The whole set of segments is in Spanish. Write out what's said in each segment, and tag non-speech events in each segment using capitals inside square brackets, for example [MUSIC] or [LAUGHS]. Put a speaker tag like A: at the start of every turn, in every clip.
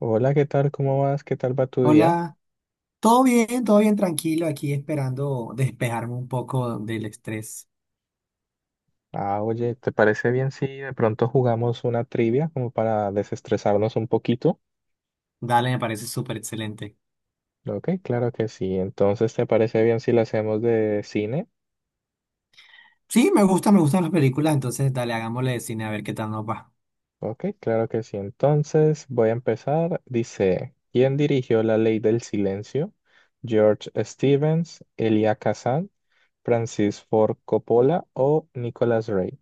A: Hola, ¿qué tal? ¿Cómo vas? ¿Qué tal va tu día?
B: Hola, todo bien, tranquilo, aquí esperando despejarme un poco del estrés.
A: Ah, oye, ¿te parece bien si de pronto jugamos una trivia como para desestresarnos un poquito?
B: Dale, me parece súper excelente.
A: Ok, claro que sí. Entonces, ¿te parece bien si la hacemos de cine?
B: Sí, me gusta, me gustan las películas, entonces dale, hagámosle de cine a ver qué tal nos va.
A: Ok, claro que sí. Entonces, voy a empezar. Dice, ¿quién dirigió La Ley del Silencio? George Stevens, Elia Kazan, Francis Ford Coppola o Nicolas Ray.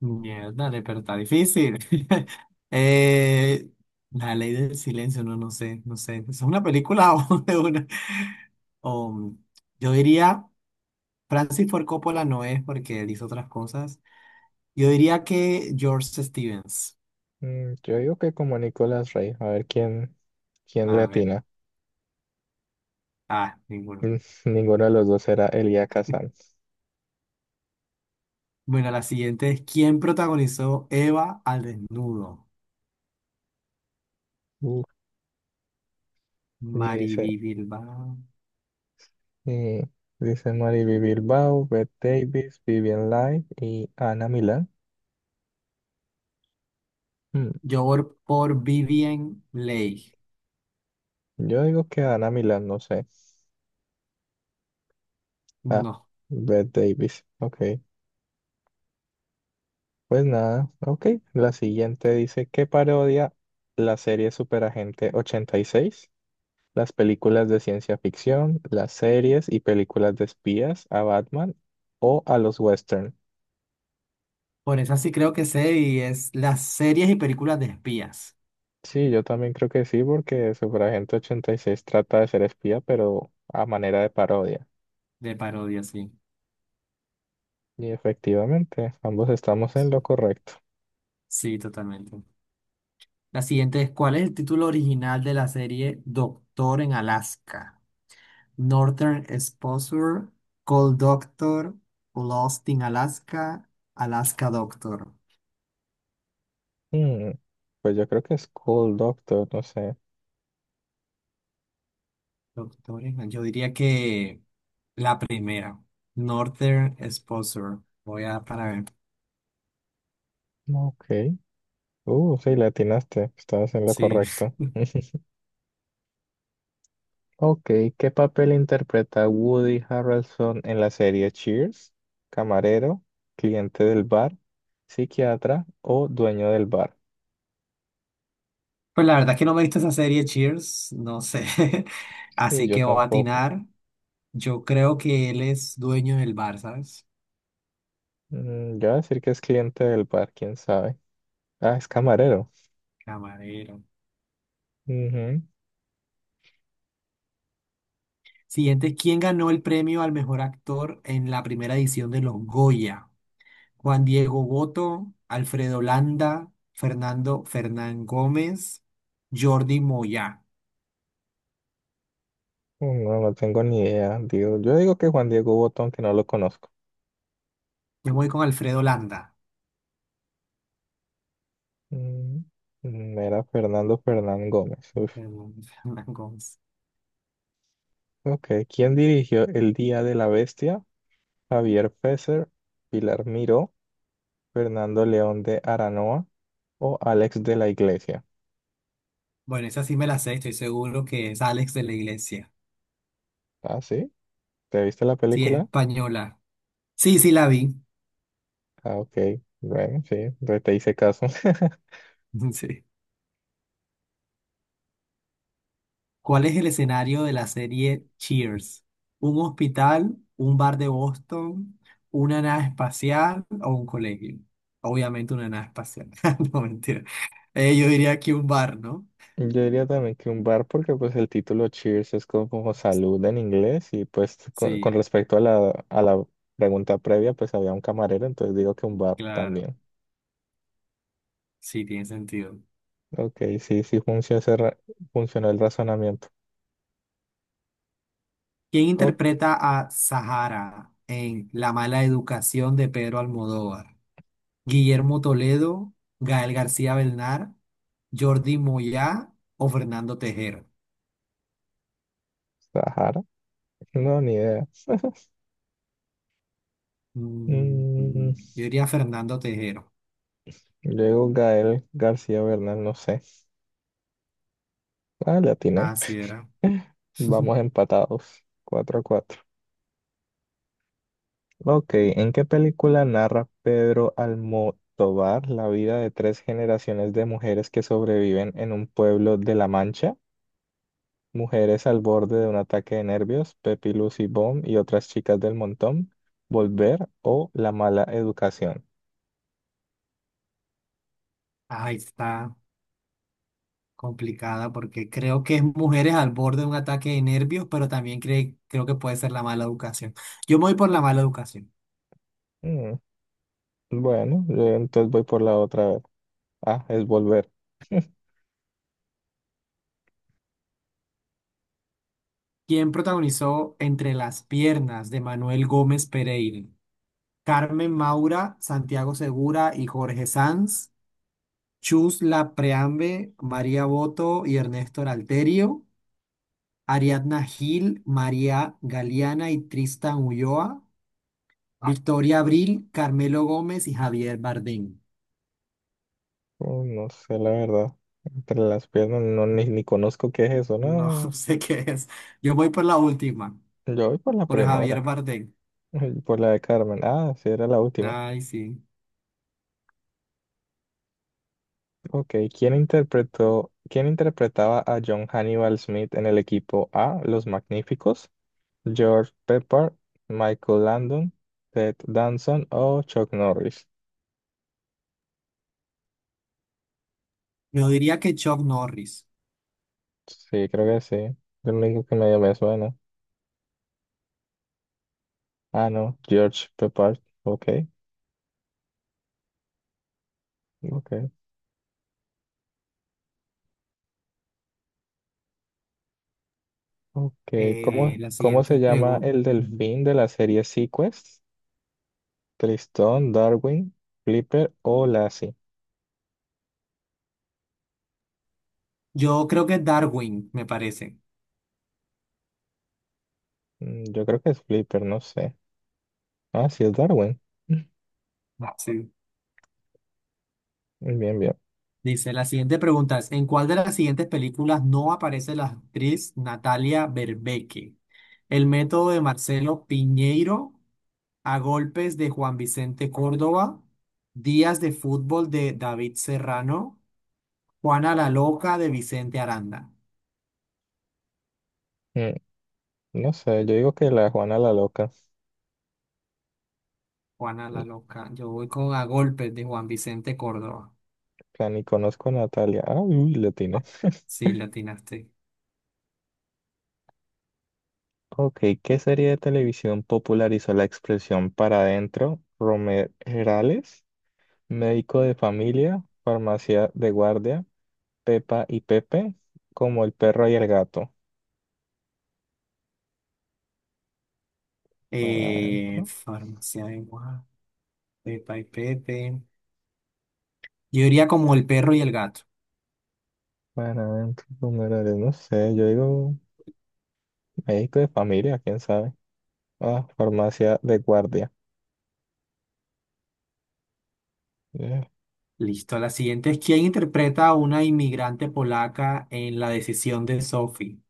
B: Mierda, dale, pero está difícil. [LAUGHS] Eh, la ley del silencio, no, no sé, no sé. ¿Es una película o [LAUGHS] de una? Um, yo diría, Francis Ford Coppola no es porque él hizo otras cosas. Yo diría que George Stevens.
A: Yo digo que como Nicolas Ray. A ver quién le
B: A ver,
A: atina.
B: ah,
A: [LAUGHS]
B: ninguno.
A: Mm, Ninguno de los dos era Eliaka Sanz.
B: Bueno, la siguiente es ¿quién protagonizó Eva al desnudo?
A: Uf. Y
B: Mariby
A: dice,
B: Bilbao.
A: y dice Mariby Bilbao, Bette Davis, Vivian Leigh y Ana Milán. Mm,
B: Yo por Vivien Leigh.
A: Yo digo que Ana Milán, no sé. Ah,
B: No,
A: Bette Davis. Ok. Pues nada, ok. La siguiente dice, ¿qué parodia la serie Superagente 86? ¿Las películas de ciencia ficción, las series y películas de espías, a Batman o a los westerns?
B: por esa sí creo que sé y es las series y películas de espías,
A: Sí, yo también creo que sí, porque Superagente 86 trata de ser espía, pero a manera de parodia.
B: de parodia, sí.
A: Y efectivamente, ambos estamos en lo
B: Sí,
A: correcto.
B: sí, totalmente. La siguiente es ¿cuál es el título original de la serie Doctor en Alaska? Northern Exposure, Cold Doctor, Lost in Alaska, Alaska Doctor.
A: Hmm, Pues yo creo que es Cool Doctor, no sé.
B: Doctores, yo diría que la primera, Northern Exposure. Voy a para ver.
A: Ok. Sí, le atinaste, estabas en lo
B: Sí. [LAUGHS]
A: correcto. [LAUGHS] Ok, ¿qué papel interpreta Woody Harrelson en la serie Cheers? ¿Camarero, cliente del bar, psiquiatra o dueño del bar?
B: Pues la verdad es que no me he visto esa serie Cheers, no sé. [LAUGHS]
A: Sí,
B: Así
A: yo
B: que voy a
A: tampoco.
B: atinar. Yo creo que él es dueño del bar, ¿sabes?
A: Yo voy a decir que es cliente del bar, quién sabe. Ah, es camarero.
B: Camarero.
A: Ujú.
B: Siguiente, ¿quién ganó el premio al mejor actor en la primera edición de los Goya? Juan Diego Boto, Alfredo Landa, Fernando Fernán Gómez, Jordi Moya.
A: Oh, no, no tengo ni idea. Digo, yo digo que Juan Diego Botón, que no lo conozco.
B: Yo me voy con Alfredo Landa.
A: Mm, Era Fernando Fernán Gómez. Uf.
B: Fernanda Gómez. [LAUGHS]
A: Ok, ¿quién dirigió El Día de la Bestia? Javier Fesser, Pilar Miró, Fernando León de Aranoa o Alex de la Iglesia.
B: Bueno, esa sí me la sé, estoy seguro que es Alex de la Iglesia.
A: Ah, sí. ¿Te viste la
B: Sí, es
A: película?
B: española. Sí, sí, la vi.
A: Ah, ok. Bueno, sí, entonces te hice caso. [LAUGHS]
B: [LAUGHS] Sí. ¿Cuál es el escenario de la serie Cheers? ¿Un hospital, un bar de Boston, una nave espacial o un colegio? Obviamente una nave espacial. [LAUGHS] No, mentira. Yo diría que un bar, ¿no?
A: Yo diría también que un bar porque pues el título Cheers es como salud en inglés, y pues con
B: Sí,
A: respecto a la pregunta previa pues había un camarero, entonces digo que un bar
B: claro.
A: también.
B: Sí, tiene sentido.
A: Ok, sí, sí funcionó el razonamiento.
B: ¿Quién
A: Oh,
B: interpreta a Sahara en La mala educación de Pedro Almodóvar? Guillermo Toledo, Gael García Belnar, Jordi Moyá o Fernando Tejero.
A: Sahara, no, ni idea. [LAUGHS]
B: Mm,
A: Mm,
B: ujú. Yo diría Fernando Tejero.
A: yo Gael García Bernal, no sé. Ah, le atiné.
B: Así era.
A: [LAUGHS] Vamos empatados, 4-4. Ok, ¿en qué película narra Pedro Almodóvar la vida de tres generaciones de mujeres que sobreviven en un pueblo de La Mancha? Mujeres al borde de un ataque de nervios, Pepi, Lucy, Bomb y otras chicas del montón, Volver o La mala educación.
B: Ah, ahí está complicada porque creo que es mujeres al borde de un ataque de nervios, pero también creo que puede ser la mala educación. Yo me voy por la mala educación.
A: Mm, bueno, yo entonces voy por la otra vez. Ah, es Volver.
B: ¿Quién protagonizó Entre las piernas de Manuel Gómez Pereira? Carmen Maura, Santiago Segura y Jorge Sanz. Chus Preambe, María Boto y Ernesto Alterio, Ariadna Gil, María Galeana y Tristan Ulloa, Victoria Abril, Carmelo Gómez y Javier Bardem.
A: No sé, la verdad. Entre las piernas no, ni conozco qué es eso,
B: No [LAUGHS]
A: no.
B: sé qué es. Yo voy por la última,
A: Yo voy por la
B: por Javier
A: primera,
B: Bardem.
A: [LAUGHS] por la de Carmen. Ah, sí, era la última.
B: Ay, sí.
A: Ok, ¿quién interpretaba a John Hannibal Smith en el equipo A, Los Magníficos? George Pepper, Michael Landon, Ted Danson o Chuck Norris.
B: Yo diría que Chuck Norris.
A: Sí, creo que sí. Lo único que medio me suena. Ah, no, George Pepper. Ok, ok, ok. ¿Cómo,
B: La
A: cómo
B: siguiente
A: se llama
B: pregunta.
A: el delfín de la serie Sequest? Tristón, Darwin, Flipper o Lassie.
B: Yo creo que Darwin, me parece.
A: Yo creo que es Flipper, no sé. Ah, sí, es Darwin. [LAUGHS]
B: Sí.
A: Bien, bien.
B: Dice, la siguiente pregunta es, ¿en cuál de las siguientes películas no aparece la actriz Natalia Berbeque? El método de Marcelo Piñeiro, A golpes de Juan Vicente Córdoba, Días de fútbol de David Serrano, Juana la loca de Vicente Aranda.
A: Mm, No sé, yo digo que la Juana la loca.
B: Juana
A: Mm,
B: la loca, yo voy con A golpes de Juan Vicente Córdoba.
A: Plan, ni conozco a Natalia. Ah, uy, latina. [LAUGHS]
B: Sí, le atinaste.
A: Ok, ¿qué serie de televisión popularizó la expresión para adentro? ¿Romerales, médico de familia, farmacia de guardia, Pepa y Pepe, como el perro y el gato? Para adentro,
B: Farmacia de Guadalupe, Pepa y Pepe. Yo iría como el perro y el gato.
A: para adentro, Romerales, no sé, yo digo médico de familia, quién sabe. Ah, farmacia de guardia.
B: Listo, la siguiente es ¿quién interpreta a una inmigrante polaca en La decisión de Sophie?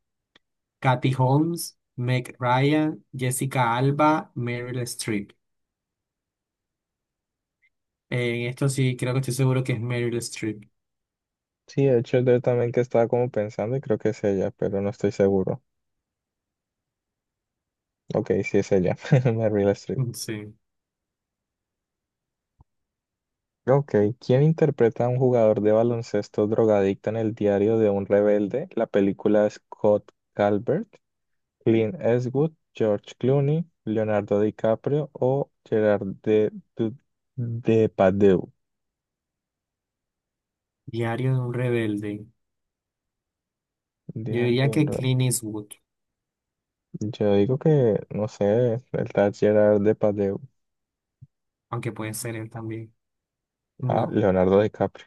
B: Katy Holmes, Meg Ryan, Jessica Alba, Meryl Streep. En esto sí, creo que estoy seguro que es Meryl Streep.
A: Sí, de hecho yo también que estaba como pensando y creo que es ella, pero no estoy seguro. Ok, sí es ella, [LAUGHS] Meryl Streep.
B: Mm, sí.
A: Ok, ¿quién interpreta a un jugador de baloncesto drogadicto en el diario de un rebelde? La película. ¿Scott Calvert, Clint Eastwood, George Clooney, Leonardo DiCaprio o Gerard de, Depardieu?
B: Diario de un rebelde. Yo
A: Diario de
B: diría
A: un
B: que
A: rebelde.
B: Clint Eastwood,
A: Yo digo que, no sé, el tal Gerard Depardieu.
B: aunque puede ser él también.
A: Ah,
B: No,
A: Leonardo DiCaprio.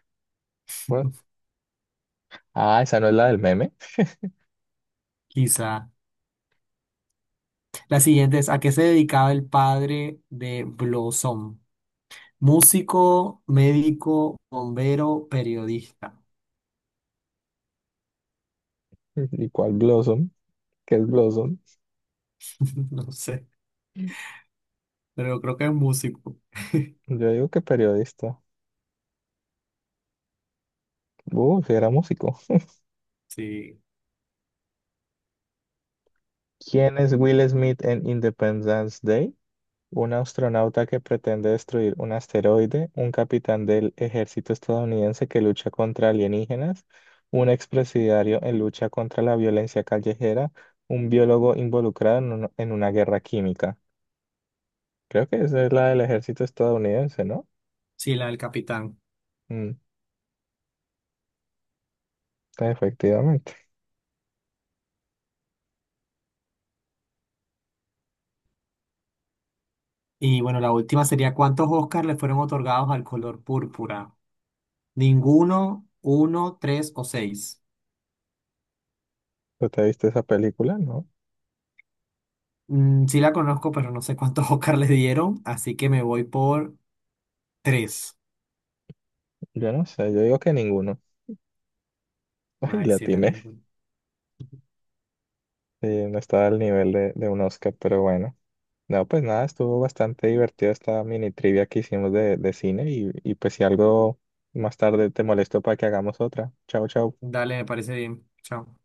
A: What? Ah, esa no es la del meme.
B: quizá. La siguiente es ¿a qué se dedicaba el padre de Blossom? Músico, médico, bombero, periodista.
A: [LAUGHS] ¿Y cuál Blossom? ¿Qué es Blossom?
B: [LAUGHS] No sé. Pero creo que es músico. [LAUGHS]
A: Yo digo que periodista. Si era músico.
B: Sí,
A: ¿Quién es Will Smith en Independence Day? Un astronauta que pretende destruir un asteroide, un capitán del ejército estadounidense que lucha contra alienígenas, un expresidiario en lucha contra la violencia callejera, un biólogo involucrado en una guerra química. Creo que esa es la del ejército estadounidense, ¿no?
B: sí, la del capitán.
A: Mm, Efectivamente.
B: Y bueno, la última sería, ¿cuántos Oscars le fueron otorgados al color púrpura? Ninguno, uno, tres o seis.
A: ¿Tú te viste esa película? No.
B: Mm, sí la conozco, pero no sé cuántos [LAUGHS] Oscars le dieron, así que me voy por tres.
A: Yo no sé, yo digo que ninguno. Ay,
B: Ay,
A: la
B: sí, era
A: tiene.
B: ninguno.
A: No estaba al nivel de un Oscar, pero bueno. No, pues nada, estuvo bastante divertida esta mini trivia que hicimos de cine, y pues si algo más tarde te molesto para que hagamos otra. Chao, chao.
B: Dale, me parece bien. Chao.